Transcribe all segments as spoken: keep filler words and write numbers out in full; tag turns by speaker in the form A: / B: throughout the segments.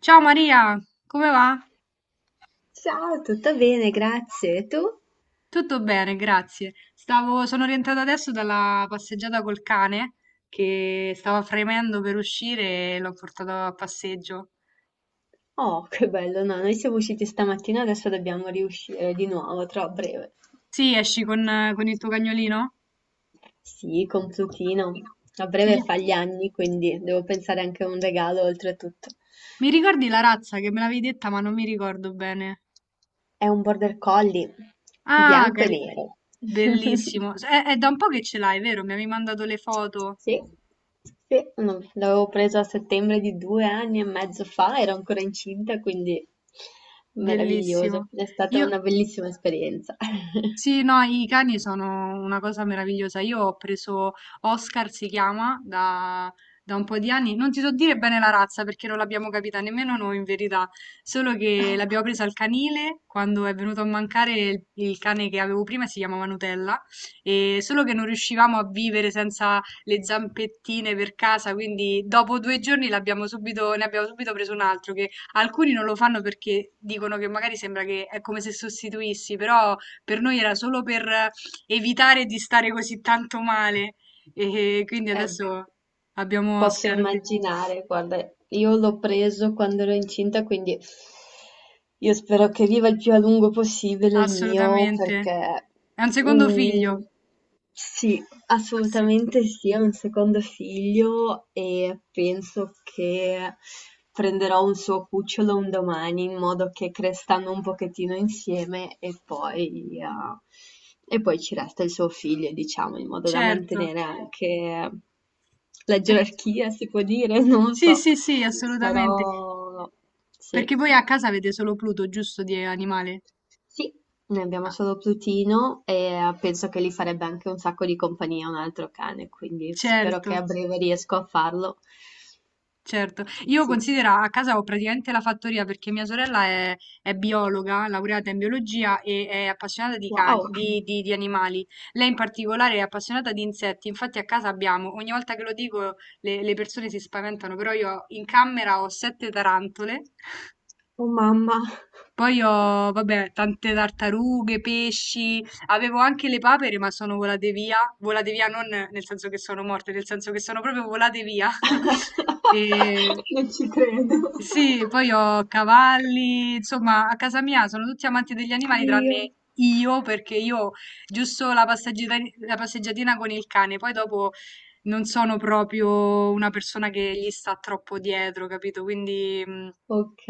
A: Ciao Maria, come va?
B: Ciao, tutto bene, grazie. E tu?
A: Tutto bene, grazie. Stavo, sono rientrata adesso dalla passeggiata col cane che stava fremendo per uscire e l'ho portato a passeggio.
B: Oh, che bello, no, noi siamo usciti stamattina, adesso dobbiamo riuscire di nuovo, tra breve.
A: Sì, esci con, con il tuo cagnolino?
B: Sì, con Plutino. A
A: Sì.
B: breve fa gli anni, quindi devo pensare anche a un regalo oltretutto.
A: Mi ricordi la razza che me l'avevi detta, ma non mi ricordo bene.
B: È un border collie,
A: Ah,
B: bianco e
A: cari-
B: nero.
A: bellissimo. È, è da un po' che ce l'hai, vero? Mi avevi mandato le foto.
B: Sì, sì, no, l'avevo preso a settembre di due anni e mezzo fa, ero ancora incinta, quindi meraviglioso.
A: Bellissimo.
B: È stata
A: Io,
B: una bellissima esperienza.
A: Sì, no, i cani sono una cosa meravigliosa. Io ho preso Oscar, si chiama, da, da un po' di anni. Non ti so dire bene la razza perché non l'abbiamo capita nemmeno noi in verità, solo che
B: Oh.
A: l'abbiamo presa al canile quando è venuto a mancare il, il cane che avevo prima, si chiamava Nutella, e solo che non riuscivamo a vivere senza le zampettine per casa, quindi dopo due giorni l'abbiamo subito, ne abbiamo subito preso un altro, che alcuni non lo fanno perché dicono che magari sembra che è come se sostituissi, però. Per noi era solo per evitare di stare così tanto male e quindi
B: Eh,
A: adesso abbiamo
B: posso
A: Oscar, sì,
B: immaginare, guarda, io l'ho preso quando ero incinta, quindi io spero che viva il più a lungo possibile il mio,
A: assolutamente.
B: perché
A: È un secondo
B: mm,
A: figlio.
B: sì,
A: Sì,
B: Assolutamente sì, ho un secondo figlio e penso che prenderò un suo cucciolo un domani in modo che crescano un pochettino insieme e poi, eh, e poi ci resta il suo figlio, diciamo, in modo da
A: certo.
B: mantenere anche la
A: Per-
B: gerarchia, si può dire, non lo
A: Sì,
B: so,
A: sì, sì, assolutamente.
B: però sì.
A: Perché voi a casa avete solo Pluto, giusto, di animale?
B: Sì, ne abbiamo
A: Ah,
B: solo Plutino e eh, penso che gli farebbe anche un sacco di compagnia un altro cane, quindi spero
A: certo.
B: che a breve riesco a farlo.
A: Certo.
B: Sì,
A: Io
B: sì.
A: considera, a casa ho praticamente la fattoria perché mia sorella è, è biologa, laureata in biologia e è appassionata di, can-
B: Wow,
A: di, di- di animali. Lei in particolare è appassionata di insetti, infatti a casa abbiamo, ogni volta che lo dico le, le persone si spaventano, però io in camera ho sette tarantole,
B: oh mamma.
A: poi ho, vabbè, tante tartarughe, pesci, avevo anche le papere, ma sono volate via, volate via non nel senso che sono morte, nel senso che sono proprio volate via. E.
B: Non ci credo.
A: Sì, poi ho cavalli, insomma, a casa mia sono tutti amanti degli animali
B: Io.
A: tranne io, perché io giusto la passeggiata- la passeggiatina con il cane, poi dopo non sono proprio una persona che gli sta troppo dietro, capito? Quindi, mh,
B: Ok.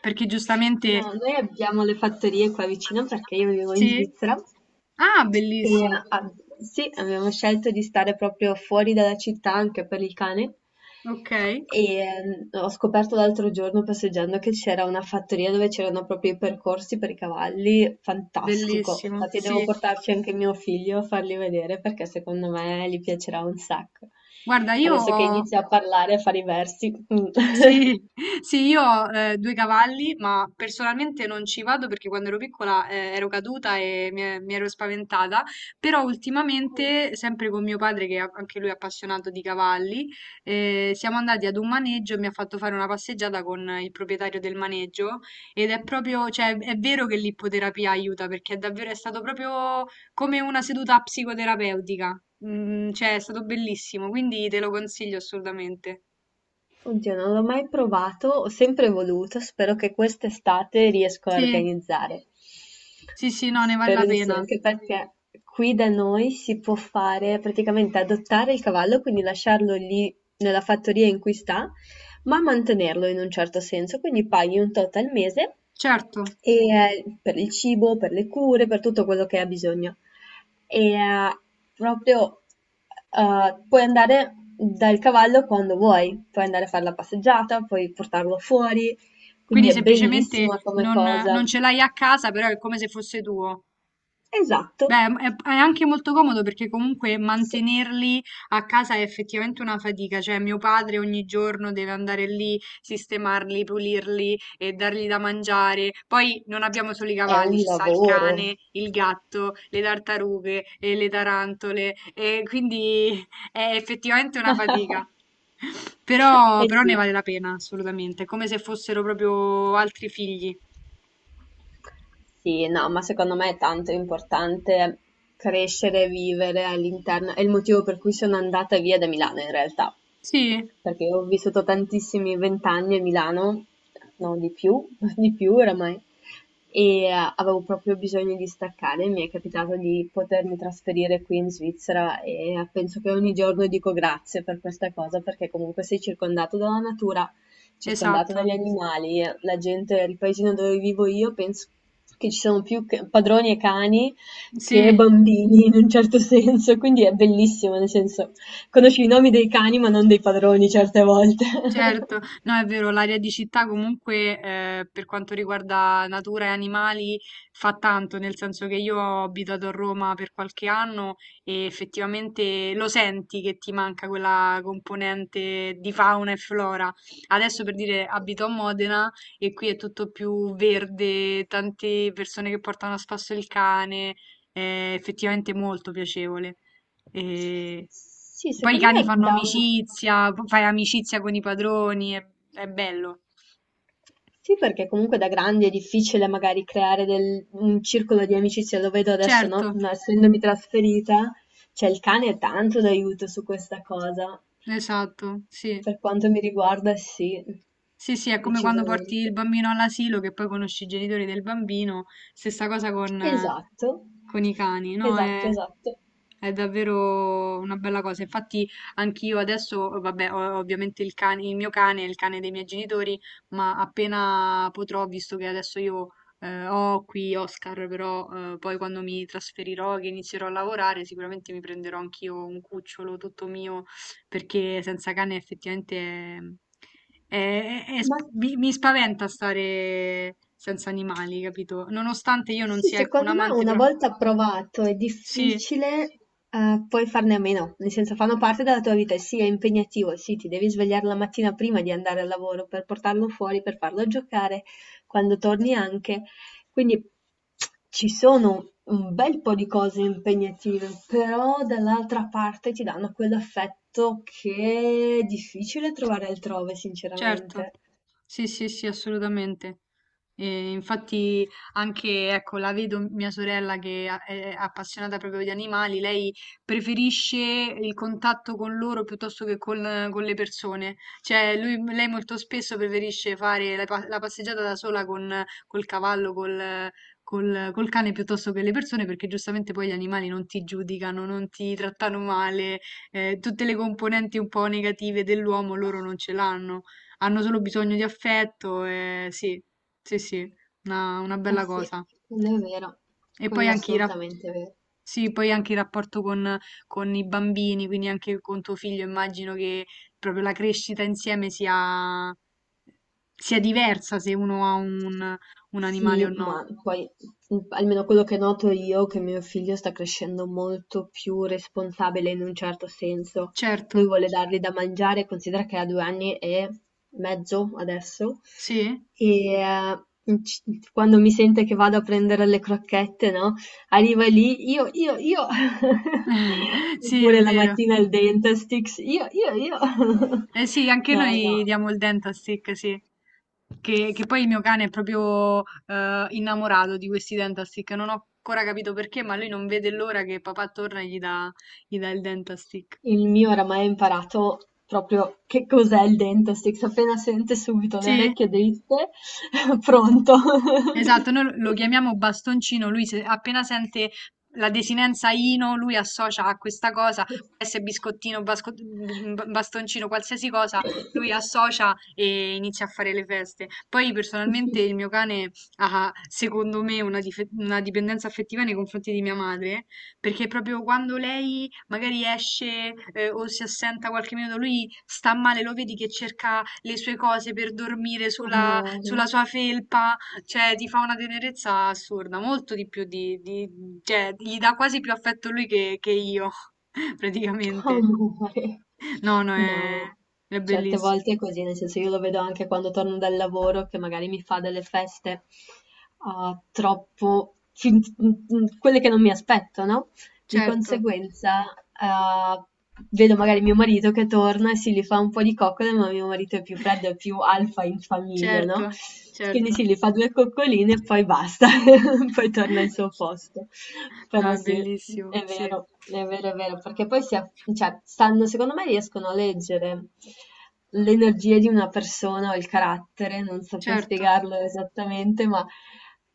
A: perché giustamente
B: No, noi abbiamo le fattorie qua vicino perché io vivo in
A: sì.
B: Svizzera.
A: Ah,
B: E
A: bellissimo.
B: a sì, abbiamo scelto di stare proprio fuori dalla città anche per il cane.
A: Okay,
B: E ehm, ho scoperto l'altro giorno passeggiando che c'era una fattoria dove c'erano proprio i percorsi per i cavalli, fantastico.
A: bellissimo,
B: Infatti devo
A: sì.
B: portarci anche mio figlio a farli vedere perché secondo me gli piacerà un sacco.
A: Guarda, io
B: Adesso che
A: ho
B: inizia a parlare e a fare i versi. Mm.
A: sì, sì, io ho eh, due cavalli, ma personalmente non ci vado perché quando ero piccola eh, ero caduta e mi, e- mi ero spaventata, però ultimamente, sempre con mio padre, che è- anche lui è appassionato di cavalli, eh, siamo andati ad un maneggio e mi ha fatto fare una passeggiata con il proprietario del maneggio ed è proprio, cioè è vero che l'ippoterapia aiuta perché è davvero, è stato proprio come una seduta psicoterapeutica. Mm, cioè è stato bellissimo, quindi te lo consiglio assolutamente.
B: Oddio, non l'ho mai provato, ho sempre voluto, spero che quest'estate riesco a
A: Sì.
B: organizzare.
A: Sì, sì, no, ne vale la
B: Spero di sì,
A: pena.
B: anche perché qui da noi si può fare praticamente adottare il cavallo, quindi lasciarlo lì nella fattoria in cui sta, ma mantenerlo in un certo senso, quindi paghi un tot al mese
A: Certo.
B: e, eh, per il cibo, per le cure, per tutto quello che ha bisogno e eh, proprio eh, puoi andare dal cavallo quando vuoi, puoi andare a fare la passeggiata, puoi portarlo fuori, quindi
A: Quindi
B: è
A: semplicemente
B: bellissima come
A: non,
B: cosa.
A: non ce l'hai a casa, però è come se fosse tuo.
B: Esatto,
A: Beh, è, è anche molto comodo perché comunque
B: sì,
A: mantenerli a casa è effettivamente una fatica. Cioè, mio padre ogni giorno deve andare lì, sistemarli, pulirli e dargli da mangiare. Poi non abbiamo solo i
B: è
A: cavalli,
B: un
A: ci sta il
B: lavoro.
A: cane, il gatto, le tartarughe e le tarantole. E quindi è effettivamente una fatica. Però,
B: Eh
A: però
B: sì,
A: ne vale la pena, assolutamente, come se fossero proprio altri figli.
B: sì, no, ma secondo me è tanto importante crescere e vivere all'interno, è il motivo per cui sono andata via da Milano in realtà.
A: Sì,
B: perché ho vissuto tantissimi vent'anni a Milano, no, di più, di più oramai, e eh, avevo proprio bisogno di staccare. Mi è capitato di potermi trasferire qui in Svizzera e eh, penso che ogni giorno dico grazie per questa cosa, perché comunque sei circondato dalla natura, circondato
A: esatto.
B: dagli animali, la gente, il paesino dove vivo io, penso che ci sono più che- padroni e cani che
A: Sì.
B: bambini in un certo senso, quindi è bellissimo, nel senso. Conosci i nomi dei cani, ma non dei padroni certe volte.
A: Certo, no è vero, l'aria di città comunque eh, per quanto riguarda natura e animali fa tanto, nel senso che io ho abitato a Roma per qualche anno e effettivamente lo senti che ti manca quella componente di fauna e flora. Adesso per dire abito a Modena e qui è tutto più verde, tante persone che portano a spasso il cane, è effettivamente molto piacevole. E
B: Sì,
A: poi i
B: secondo
A: cani
B: me
A: fanno
B: da un
A: amicizia, p- fai amicizia con i padroni, è, è bello.
B: sì, perché comunque da grandi è difficile magari creare del- un circolo di amicizia, lo vedo adesso,
A: Certo,
B: no? No, Essendomi trasferita, cioè il cane è tanto d'aiuto su questa cosa.
A: esatto, sì.
B: Per quanto mi riguarda, sì,
A: Sì, sì, è come quando porti il
B: decisamente.
A: bambino all'asilo che poi conosci i genitori del bambino, stessa cosa con, eh,
B: Esatto,
A: con i cani, no?
B: esatto,
A: È,
B: esatto.
A: è davvero una bella cosa. Infatti, anch'io adesso, vabbè, ho ovviamente il cane, il mio cane, il cane dei miei genitori, ma appena potrò, visto che adesso io eh, ho qui Oscar, però eh, poi quando mi trasferirò, che inizierò a lavorare, sicuramente mi prenderò anch'io un cucciolo tutto mio, perché senza cane effettivamente è- è- è- è
B: Ma
A: sp- mi, mi spaventa stare senza animali, capito? Nonostante io non
B: Sì,
A: sia, ecco, un
B: secondo me
A: amante,
B: una
A: però
B: volta approvato è
A: sì.
B: difficile, eh, poi farne a meno, nel senso fanno parte della tua vita, e sì, è impegnativo, sì, ti devi svegliare la mattina prima di andare al lavoro per portarlo fuori, per farlo giocare, quando torni anche. Quindi ci sono un bel po' di cose impegnative, però dall'altra parte ti danno quell'affetto che è difficile trovare altrove,
A: Certo.
B: sinceramente.
A: Sì, sì, sì, assolutamente. E infatti anche, ecco, la vedo mia sorella che a- è appassionata proprio di animali, lei preferisce il contatto con loro piuttosto che con, con le persone. Cioè, lui- lei molto spesso preferisce fare la, pa- la passeggiata da sola con, col cavallo, col, col, col cane piuttosto che le persone, perché giustamente poi gli animali non ti giudicano, non ti trattano male, eh, tutte le componenti un po' negative dell'uomo loro non ce l'hanno, hanno solo bisogno di affetto, e sì. Sì, sì, una, una
B: Eh
A: bella
B: sì,
A: cosa.
B: quello è vero,
A: E poi
B: quello è
A: anche, i rap-
B: assolutamente vero.
A: sì, poi anche il rapporto con, con i bambini, quindi anche con tuo figlio, immagino che proprio la crescita insieme sia, sia diversa se uno ha un, un animale
B: Sì,
A: o no.
B: ma poi mhmm, almeno quello che noto io, è che mio figlio sta crescendo molto più responsabile in un certo senso.
A: Certo,
B: Lui vuole dargli da mangiare, considera che ha due anni e mezzo adesso,
A: sì,
B: e eh, in c quando mi sente che vado a prendere le crocchette, no, arriva lì: "Io, io, io".
A: sì, è
B: Oppure la
A: vero.
B: mattina il Dentastix: "Io, io, io".
A: Eh sì, anche
B: No,
A: noi
B: no.
A: diamo il dente a Stick, sì. Che, che poi il mio cane è proprio eh, innamorato di questi dentastick. Non ho ancora capito perché, ma lui non vede l'ora che papà torna e gli dà, gli dà il dentastick.
B: Il mio oramai ha imparato proprio che cos'è il dentistix, appena sente subito le
A: Sì?
B: orecchie dritte, pronto.
A: Esatto, noi lo chiamiamo bastoncino, lui se- appena sente la desinenza Ino, lui associa a questa cosa, può essere biscottino, basco- b- b- bastoncino, qualsiasi cosa, lui associa e inizia a fare le feste. Poi personalmente il mio cane ha, secondo me, una, dife- una dipendenza affettiva nei confronti di mia madre, perché proprio quando lei magari esce eh, o si assenta qualche minuto, lui sta male, lo vedi che cerca le sue cose per dormire sulla
B: Amore,
A: sulla sua felpa, cioè, ti fa una tenerezza assurda, molto di più di, di- cioè, gli dà quasi più affetto lui che, che io, praticamente.
B: amore.
A: No, no, è,
B: No, ma
A: è
B: certe
A: bellissimo.
B: volte è così, nel senso io lo vedo anche quando torno dal lavoro che magari mi fa delle feste, uhm, troppo fin mhmm, quelle che non mi aspetto, no? Di
A: Certo,
B: conseguenza, ehm, vedo magari mio marito che torna e si li fa un po' di coccole, ma mio marito è più freddo, è più alfa in famiglia, no,
A: certo,
B: quindi
A: certo.
B: sì, gli fa due coccoline e poi basta, poi torna al suo posto.
A: No,
B: Però
A: è
B: sì,
A: bellissimo,
B: è
A: sì.
B: vero, è vero, è vero, perché poi si a cioè sanno secondo me riescono a leggere l'energia di una persona o il carattere, non saprei
A: Certo,
B: spiegarlo esattamente, ma,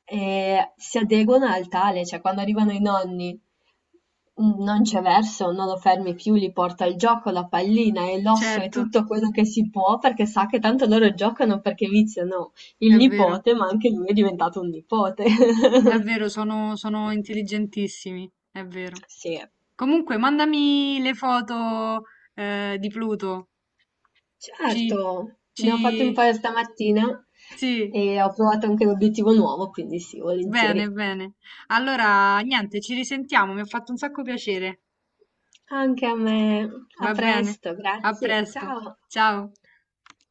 B: ehm, si adeguano al tale, cioè quando arrivano i nonni. Mm. Non c'è verso, non lo fermi più, gli porta il gioco, la pallina e l'osso e
A: certo,
B: tutto quello che si può perché sa che tanto loro giocano perché viziano il
A: è vero,
B: nipote, ma anche lui è diventato un nipote.
A: è vero, sono, sono intelligentissimi, è vero.
B: Sì,
A: Comunque, mandami le foto, eh, di Pluto. Ci,
B: certo,
A: ci,
B: ne ho fatto un paio stamattina
A: sì,
B: e ho provato anche l'obiettivo nuovo, quindi sì,
A: bene,
B: volentieri.
A: bene. Allora, niente, ci risentiamo, mi ha fatto un sacco piacere.
B: Anche a me. A
A: Va bene,
B: presto,
A: a
B: grazie.
A: presto,
B: Ciao.
A: ciao.